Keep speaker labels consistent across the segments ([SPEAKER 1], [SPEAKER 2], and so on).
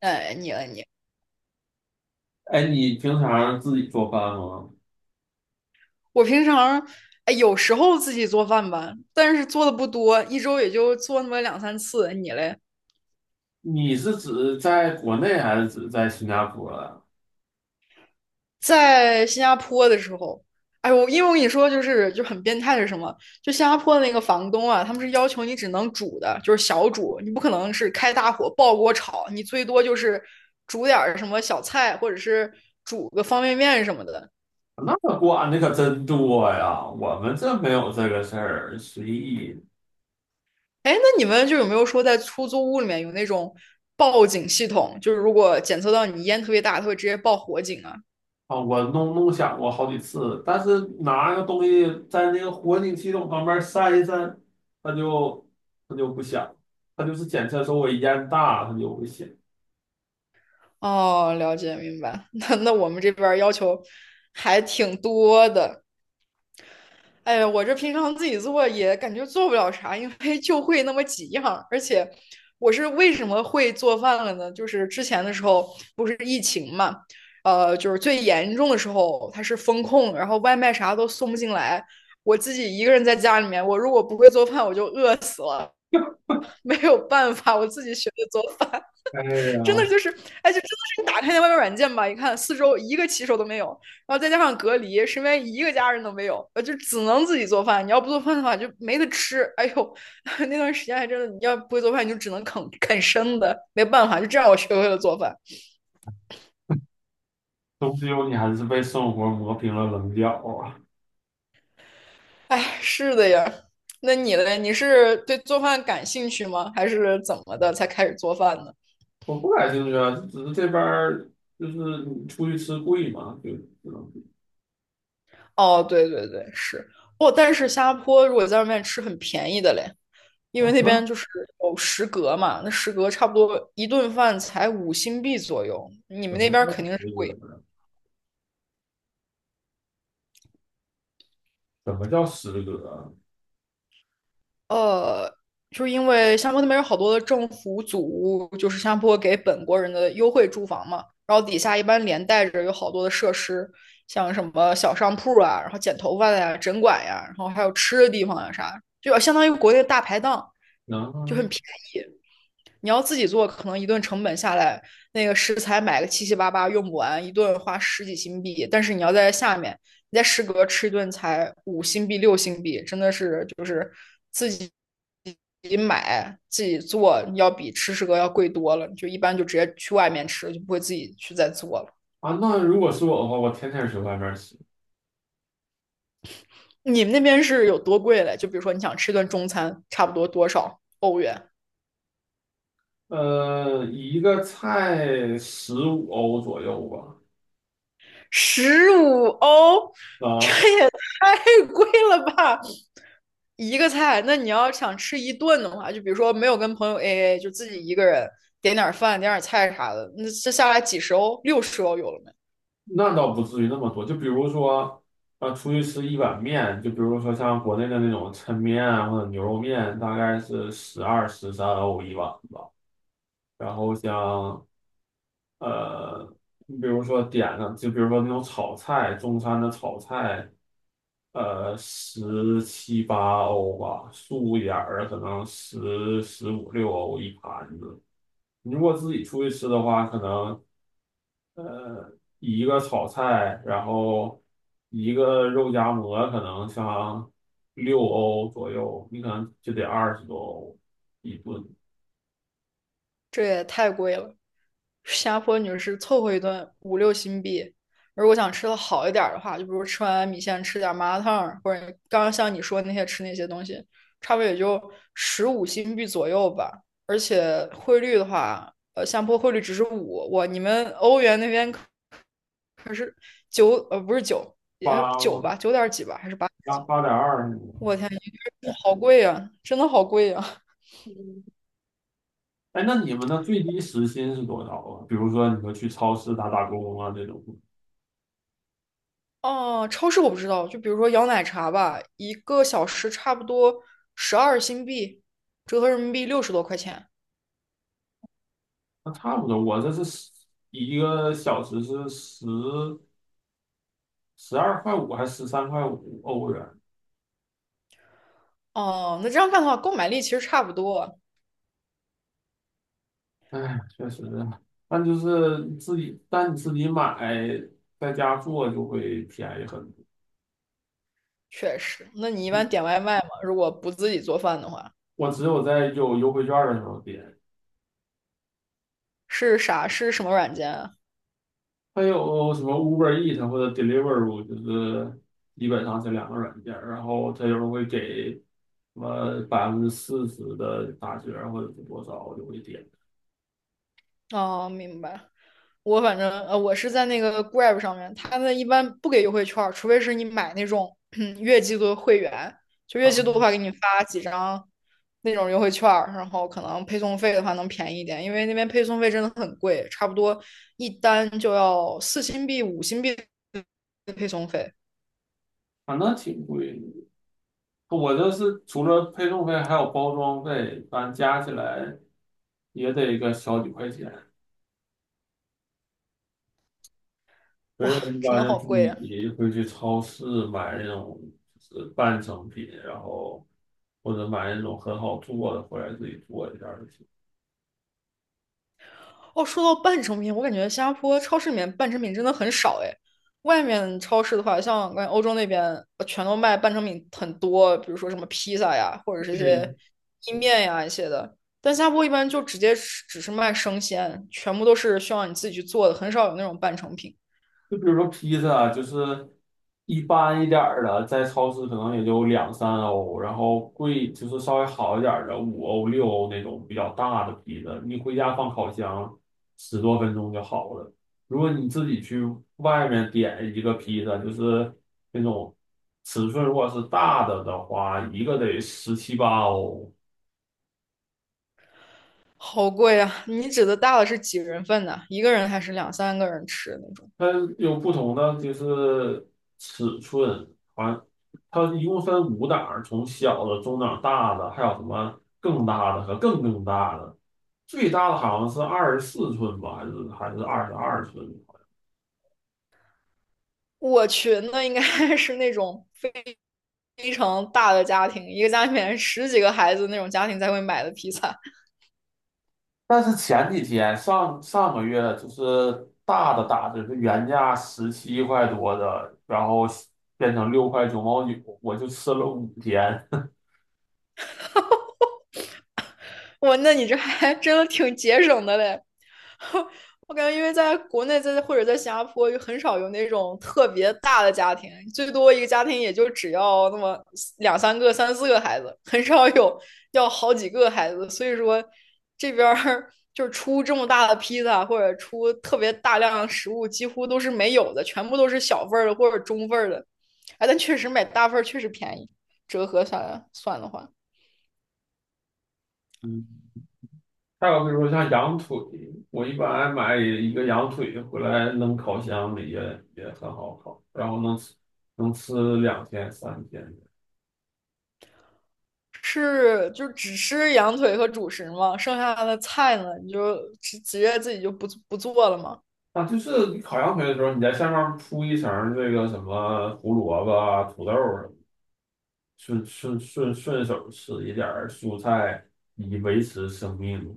[SPEAKER 1] 哎，你了你，
[SPEAKER 2] 哎，你平常自己做饭吗？
[SPEAKER 1] 我平常哎有时候自己做饭吧，但是做的不多，一周也就做那么两三次。你嘞，
[SPEAKER 2] 你是指在国内还是指在新加坡呀？
[SPEAKER 1] 在新加坡的时候，哎因为我跟你说就是很变态是什么？就新加坡的那个房东啊，他们是要求你只能煮的，就是小煮，你不可能是开大火爆锅炒，你最多就是煮点儿什么小菜，或者是煮个方便面什么的。
[SPEAKER 2] 那管的可真多呀，我们这没有这个事儿，随意
[SPEAKER 1] 哎，那你们就有没有说在出租屋里面有那种报警系统？就是如果检测到你烟特别大，它会直接报火警啊？
[SPEAKER 2] 啊。我弄响过好几次，但是拿个东西在那个火警系统旁边扇一扇，它就不响，它就是检测说我烟大，它就不响。
[SPEAKER 1] 哦，了解明白。那我们这边儿要求还挺多的。哎呀，我这平常自己做也感觉做不了啥，因为就会那么几样儿而且我是为什么会做饭了呢？就是之前的时候不是疫情嘛，就是最严重的时候它是封控，然后外卖啥都送不进来。我自己一个人在家里面，我如果不会做饭，我就饿死了，没有办法，我自己学的做饭。
[SPEAKER 2] 哎
[SPEAKER 1] 真的
[SPEAKER 2] 呀，
[SPEAKER 1] 就是，哎，就真的是你打开那外卖软件吧，一看四周一个骑手都没有，然后再加上隔离，身边一个家人都没有，就只能自己做饭。你要不做饭的话，就没得吃。哎呦，那段时间还真的，你要不会做饭，你就只能啃啃生的，没办法，就这样我学会了做饭。
[SPEAKER 2] 终究你还是被生活磨平了棱角啊。
[SPEAKER 1] 哎，是的呀。那你嘞？你是对做饭感兴趣吗？还是怎么的才开始做饭呢？
[SPEAKER 2] 我不感兴趣啊，只是这边儿就是你出去吃贵嘛，就只能
[SPEAKER 1] 哦，对对对，是哦。但是新加坡如果在外面吃很便宜的嘞，因为
[SPEAKER 2] 啊。
[SPEAKER 1] 那边
[SPEAKER 2] 那
[SPEAKER 1] 就是有食阁嘛，那食阁差不多一顿饭才五新币左右，你们
[SPEAKER 2] 怎
[SPEAKER 1] 那
[SPEAKER 2] 么
[SPEAKER 1] 边
[SPEAKER 2] 叫
[SPEAKER 1] 肯定是
[SPEAKER 2] 食
[SPEAKER 1] 贵。
[SPEAKER 2] 阁呢？怎么叫食阁啊？
[SPEAKER 1] 呃，就是因为新加坡那边有好多的政府组屋，就是新加坡给本国人的优惠住房嘛，然后底下一般连带着有好多的设施，像什么小商铺啊，然后剪头发的呀、诊馆呀，然后还有吃的地方呀啥，就相当于国内的大排档，就很
[SPEAKER 2] 能
[SPEAKER 1] 便宜。你要自己做，可能一顿成本下来，那个食材买个七七八八用不完，一顿花十几新币。但是你要在下面，你在食阁吃一顿才五新币、六新币，真的是就是自己自己买、自己做，要比吃食阁要贵多了。就一般就直接去外面吃，就不会自己去再做了。
[SPEAKER 2] 啊，那如果是我的话，我天天去外面吃。
[SPEAKER 1] 你们那边是有多贵嘞？就比如说你想吃一顿中餐，差不多多少欧元？
[SPEAKER 2] 一个菜15欧左右吧。
[SPEAKER 1] 十五欧，这
[SPEAKER 2] 啊，
[SPEAKER 1] 也太贵了吧！一个菜，那你要想吃一顿的话，就比如说没有跟朋友 AA,就自己一个人点点饭、点点菜啥的，那这下来几十欧、六十欧有了没？
[SPEAKER 2] 那倒不至于那么多，就比如说。啊，出去吃一碗面，就比如说像国内的那种抻面啊或者牛肉面，大概是12、13欧一碗吧。然后像呃，你比如说点上，就比如说那种炒菜，中餐的炒菜，十七八欧吧，素一点儿的可能15、16欧一盘子。你如果自己出去吃的话，可能一个炒菜，然后一个肉夹馍，可能像六欧左右，你可能就得20多欧一顿。
[SPEAKER 1] 这也太贵了。新加坡女士凑合一顿五六新币，如果想吃的好一点的话，就比如吃完米线吃点麻辣烫，或者刚刚像你说那些吃那些东西，差不多也就十五新币左右吧。而且汇率的话，新加坡汇率只是五，我你们欧元那边可九不是九，也九
[SPEAKER 2] 八
[SPEAKER 1] 吧，九点几吧，还是八？
[SPEAKER 2] 8.2。
[SPEAKER 1] 我天，好贵呀，真的好贵呀！
[SPEAKER 2] 哎，那你们的最低时薪是多少啊？比如说你说去超市打打工啊这种。
[SPEAKER 1] 哦，超市我不知道，就比如说摇奶茶吧，一个小时差不多十二新币，折合人民币六十多块钱。
[SPEAKER 2] 那差不多。我这是一个小时是12块5还是13块5欧元？
[SPEAKER 1] 哦，那这样看的话，购买力其实差不多，
[SPEAKER 2] 哎，确实，但就是自己，但你自己买，在家做就会便宜很多。
[SPEAKER 1] 确实。那你一般点外卖吗？如果不自己做饭的话，
[SPEAKER 2] 我只有在有优惠券的时候点。
[SPEAKER 1] 是啥？是什么软件啊？
[SPEAKER 2] 还有什么 Uber Eat 或者 d e l i v e r o 就是基本上这两个软件儿，然后它有时候会给。什么40%的打折或者是多少，我就会点
[SPEAKER 1] 哦，明白。我反正我是在那个 Grab 上面，他们一般不给优惠券儿，除非是你买那种 月季度的会员，就月季度的话给
[SPEAKER 2] 啊。
[SPEAKER 1] 你发几张那种优惠券儿，然后可能配送费的话能便宜一点，因为那边配送费真的很贵，差不多一单就要四新币、五新币的配送费，
[SPEAKER 2] 反正挺贵的。我这是除了配送费还有包装费，反正加起来也得个小几块钱。所以
[SPEAKER 1] 哇，
[SPEAKER 2] 我一
[SPEAKER 1] 真
[SPEAKER 2] 般
[SPEAKER 1] 的好
[SPEAKER 2] 就自
[SPEAKER 1] 贵呀、
[SPEAKER 2] 己会去超市买那种就是半成品，然后或者买那种很好做的回来自己做一下就行。
[SPEAKER 1] 哦，说到半成品，我感觉新加坡超市里面半成品真的很少哎。外面超市的话，像我感觉欧洲那边全都卖半成品很多，比如说什么披萨呀，或者是一
[SPEAKER 2] 对，
[SPEAKER 1] 些意面呀一些的。但新加坡一般就直接只是卖生鲜，全部都是需要你自己去做的，很少有那种半成品。
[SPEAKER 2] 就比如说披萨啊就是一般一点儿的，在超市可能也就2、3欧，然后贵就是稍微好一点儿的5欧6欧那种比较大的披萨，你回家放烤箱10多分钟就好了。如果你自己去外面点一个披萨，就是那种尺寸如果是大的的话，一个得十七八欧。
[SPEAKER 1] 好贵啊！你指的大的是几人份的？一个人还是两三个人吃的那种？
[SPEAKER 2] 它有不同的就是尺寸。啊，它一共分5档儿从小的、中档、大的，还有什么更大的和更更大的。最大的好像是24寸吧，还是22寸。
[SPEAKER 1] 我去，那应该 是那种非常大的家庭，一个家里面十几个孩子那种家庭才会买的披萨。
[SPEAKER 2] 但是前几天上上个月就是大的打折，是原价17块多的，然后变成6块9毛9，我就吃了5天。
[SPEAKER 1] 哇，那你这还真的挺节省的嘞。我感觉，因为在国内在或者在新加坡，就很少有那种特别大的家庭，最多一个家庭也就只要那么两三个、三四个孩子，很少有要好几个孩子。所以说，这边儿就是出这么大的披萨或者出特别大量的食物，几乎都是没有的，全部都是小份儿的或者中份儿的。哎，但确实买大份儿确实便宜，折合下来算的话。
[SPEAKER 2] 还有比如说像羊腿，我一般买一个羊腿回来扔烤箱里也很好烤，然后能吃2天3天。
[SPEAKER 1] 是就只吃羊腿和主食吗？剩下的菜呢，你就直接自己就不做了吗？
[SPEAKER 2] 啊，就是你烤羊腿的时候，你在下面铺一层这个什么胡萝卜啊、土豆儿什么顺手吃一点儿蔬菜，以维持生命。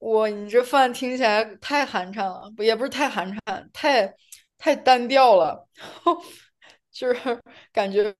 [SPEAKER 1] 哇，你这饭听起来太寒碜了，不也不是太寒碜，太单调了，就是感觉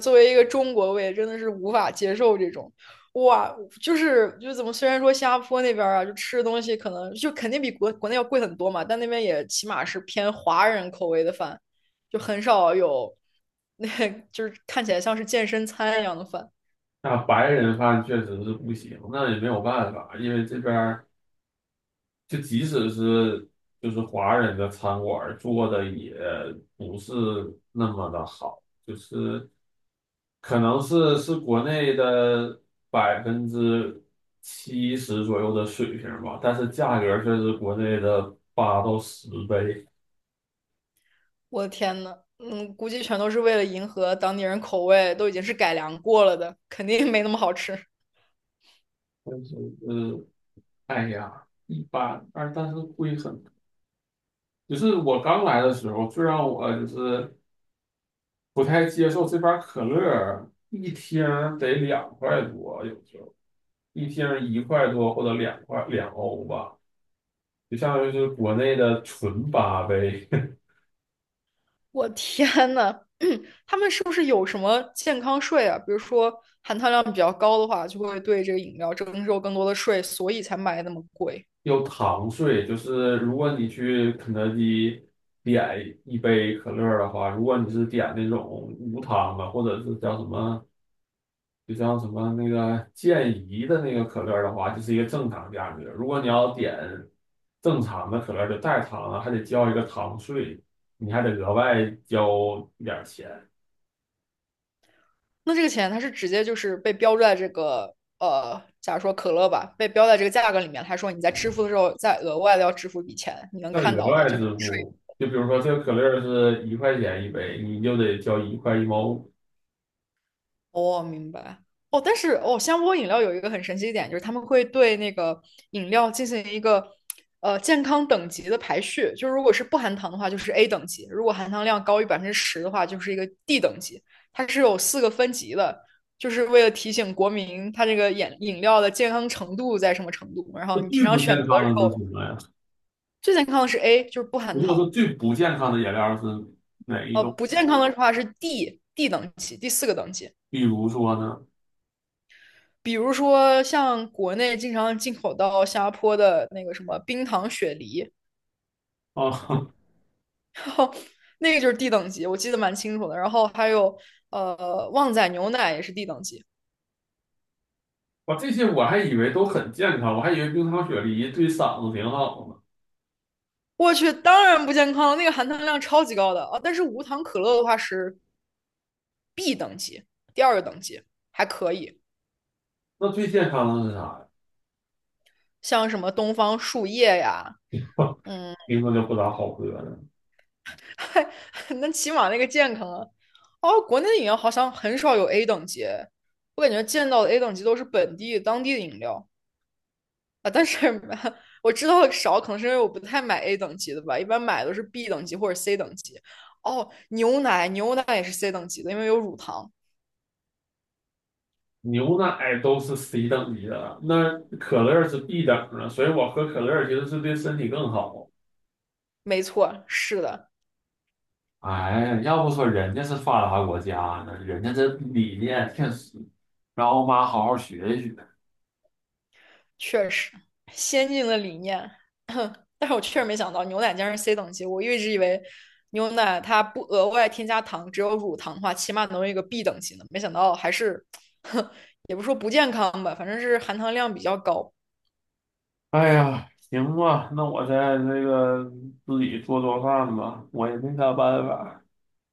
[SPEAKER 1] 作为一个中国胃，真的是无法接受这种。哇，就是就怎么，虽然说新加坡那边啊，就吃的东西可能就肯定比国内要贵很多嘛，但那边也起码是偏华人口味的饭，就很少有那 就是看起来像是健身餐一样的饭。
[SPEAKER 2] 那白人饭确实是不行，那也没有办法，因为这边。就即使是就是华人的餐馆儿做的也不是那么的好，就是可能是国内的70%左右的水平吧，但是价格却是国内的8到10倍。
[SPEAKER 1] 我的天呐，嗯，估计全都是为了迎合当地人口味，都已经是改良过了的，肯定没那么好吃。
[SPEAKER 2] 但是呃，哎呀，一般，但是贵很多。就是我刚来的时候，最让我就是不太接受这边儿可乐一听儿得2块多，有时候。一天1块多或者2块2欧吧，就相当于是国内的纯八杯。
[SPEAKER 1] 我天呐，他们是不是有什么健康税啊？比如说含糖量比较高的话，就会对这个饮料征收更多的税，所以才卖那么贵。
[SPEAKER 2] 又糖税。就是如果你去肯德基点一杯可乐的话，如果你是点那种无糖的，或者是叫什么，就像什么那个健怡的那个可乐的话，就是一个正常价格。如果你要点正常的可乐，就带糖的，还得交一个糖税，你还得额外交一点钱。
[SPEAKER 1] 那这个钱它是直接就是被标注在这个假如说可乐吧，被标在这个价格里面，他说你在支付的时候再额外的要支付一笔钱，你能
[SPEAKER 2] 那
[SPEAKER 1] 看
[SPEAKER 2] 额
[SPEAKER 1] 到的
[SPEAKER 2] 外
[SPEAKER 1] 这个
[SPEAKER 2] 支付，就比如说这个可乐儿是1块钱一杯，你就得交1块1毛5。
[SPEAKER 1] 哦，明白。哦，但是哦，香波饮料有一个很神奇一点，就是他们会对那个饮料进行一个健康等级的排序，就是如果是不含糖的话，就是 A 等级；如果含糖量高于10%的话，就是一个 D 等级。它是有四个分级的，就是为了提醒国民它这个饮料的健康程度在什么程度。然
[SPEAKER 2] 这
[SPEAKER 1] 后你平
[SPEAKER 2] 最
[SPEAKER 1] 常
[SPEAKER 2] 不
[SPEAKER 1] 选
[SPEAKER 2] 健
[SPEAKER 1] 择的
[SPEAKER 2] 康
[SPEAKER 1] 时
[SPEAKER 2] 的
[SPEAKER 1] 候，
[SPEAKER 2] 是什么呀？
[SPEAKER 1] 最健康的是 A,就是不含
[SPEAKER 2] 如果
[SPEAKER 1] 糖；
[SPEAKER 2] 说最不健康的饮料是哪一种？
[SPEAKER 1] 不健康的话是 D，D 等级，第四个等级。
[SPEAKER 2] 比如说呢？
[SPEAKER 1] 比如说像国内经常进口到新加坡的那个什么冰糖雪梨，
[SPEAKER 2] 啊、
[SPEAKER 1] 那个就是 D 等级，我记得蛮清楚的。然后还有旺仔牛奶也是 D 等级，
[SPEAKER 2] 我这些我还以为都很健康，我还以为冰糖雪梨对嗓子挺好呢。
[SPEAKER 1] 我去，当然不健康了，那个含糖量超级高的啊。但是无糖可乐的话是 B 等级，第二个等级还可以，
[SPEAKER 2] 那最健康的是啥呀？
[SPEAKER 1] 像什么东方树叶呀，嗯。
[SPEAKER 2] 听着就不咋好喝了。
[SPEAKER 1] 那起码那个健康啊。哦，国内的饮料好像很少有 A 等级，我感觉见到的 A 等级都是本地当地的饮料啊。但是 我知道的少，可能是因为我不太买 A 等级的吧，一般买都是 B 等级或者 C 等级。哦，牛奶，牛奶也是 C 等级的，因为有乳糖。
[SPEAKER 2] 牛奶都是 C 等级的，那可乐是 B 等的，所以我喝可乐其实是对身体更好。
[SPEAKER 1] 没错，是的。
[SPEAKER 2] 哎，要不说人家是发达国家呢，人家这理念确实，让我妈好好学一学。
[SPEAKER 1] 确实先进的理念，但是我确实没想到牛奶竟然是 C 等级，我一直以为牛奶它不额外添加糖，只有乳糖的话，起码能有一个 B 等级呢，没想到还是，也不说不健康吧，反正是含糖量比较高。
[SPEAKER 2] 哎呀，行吧，那我再那个自己做做饭吧，我也没啥办法。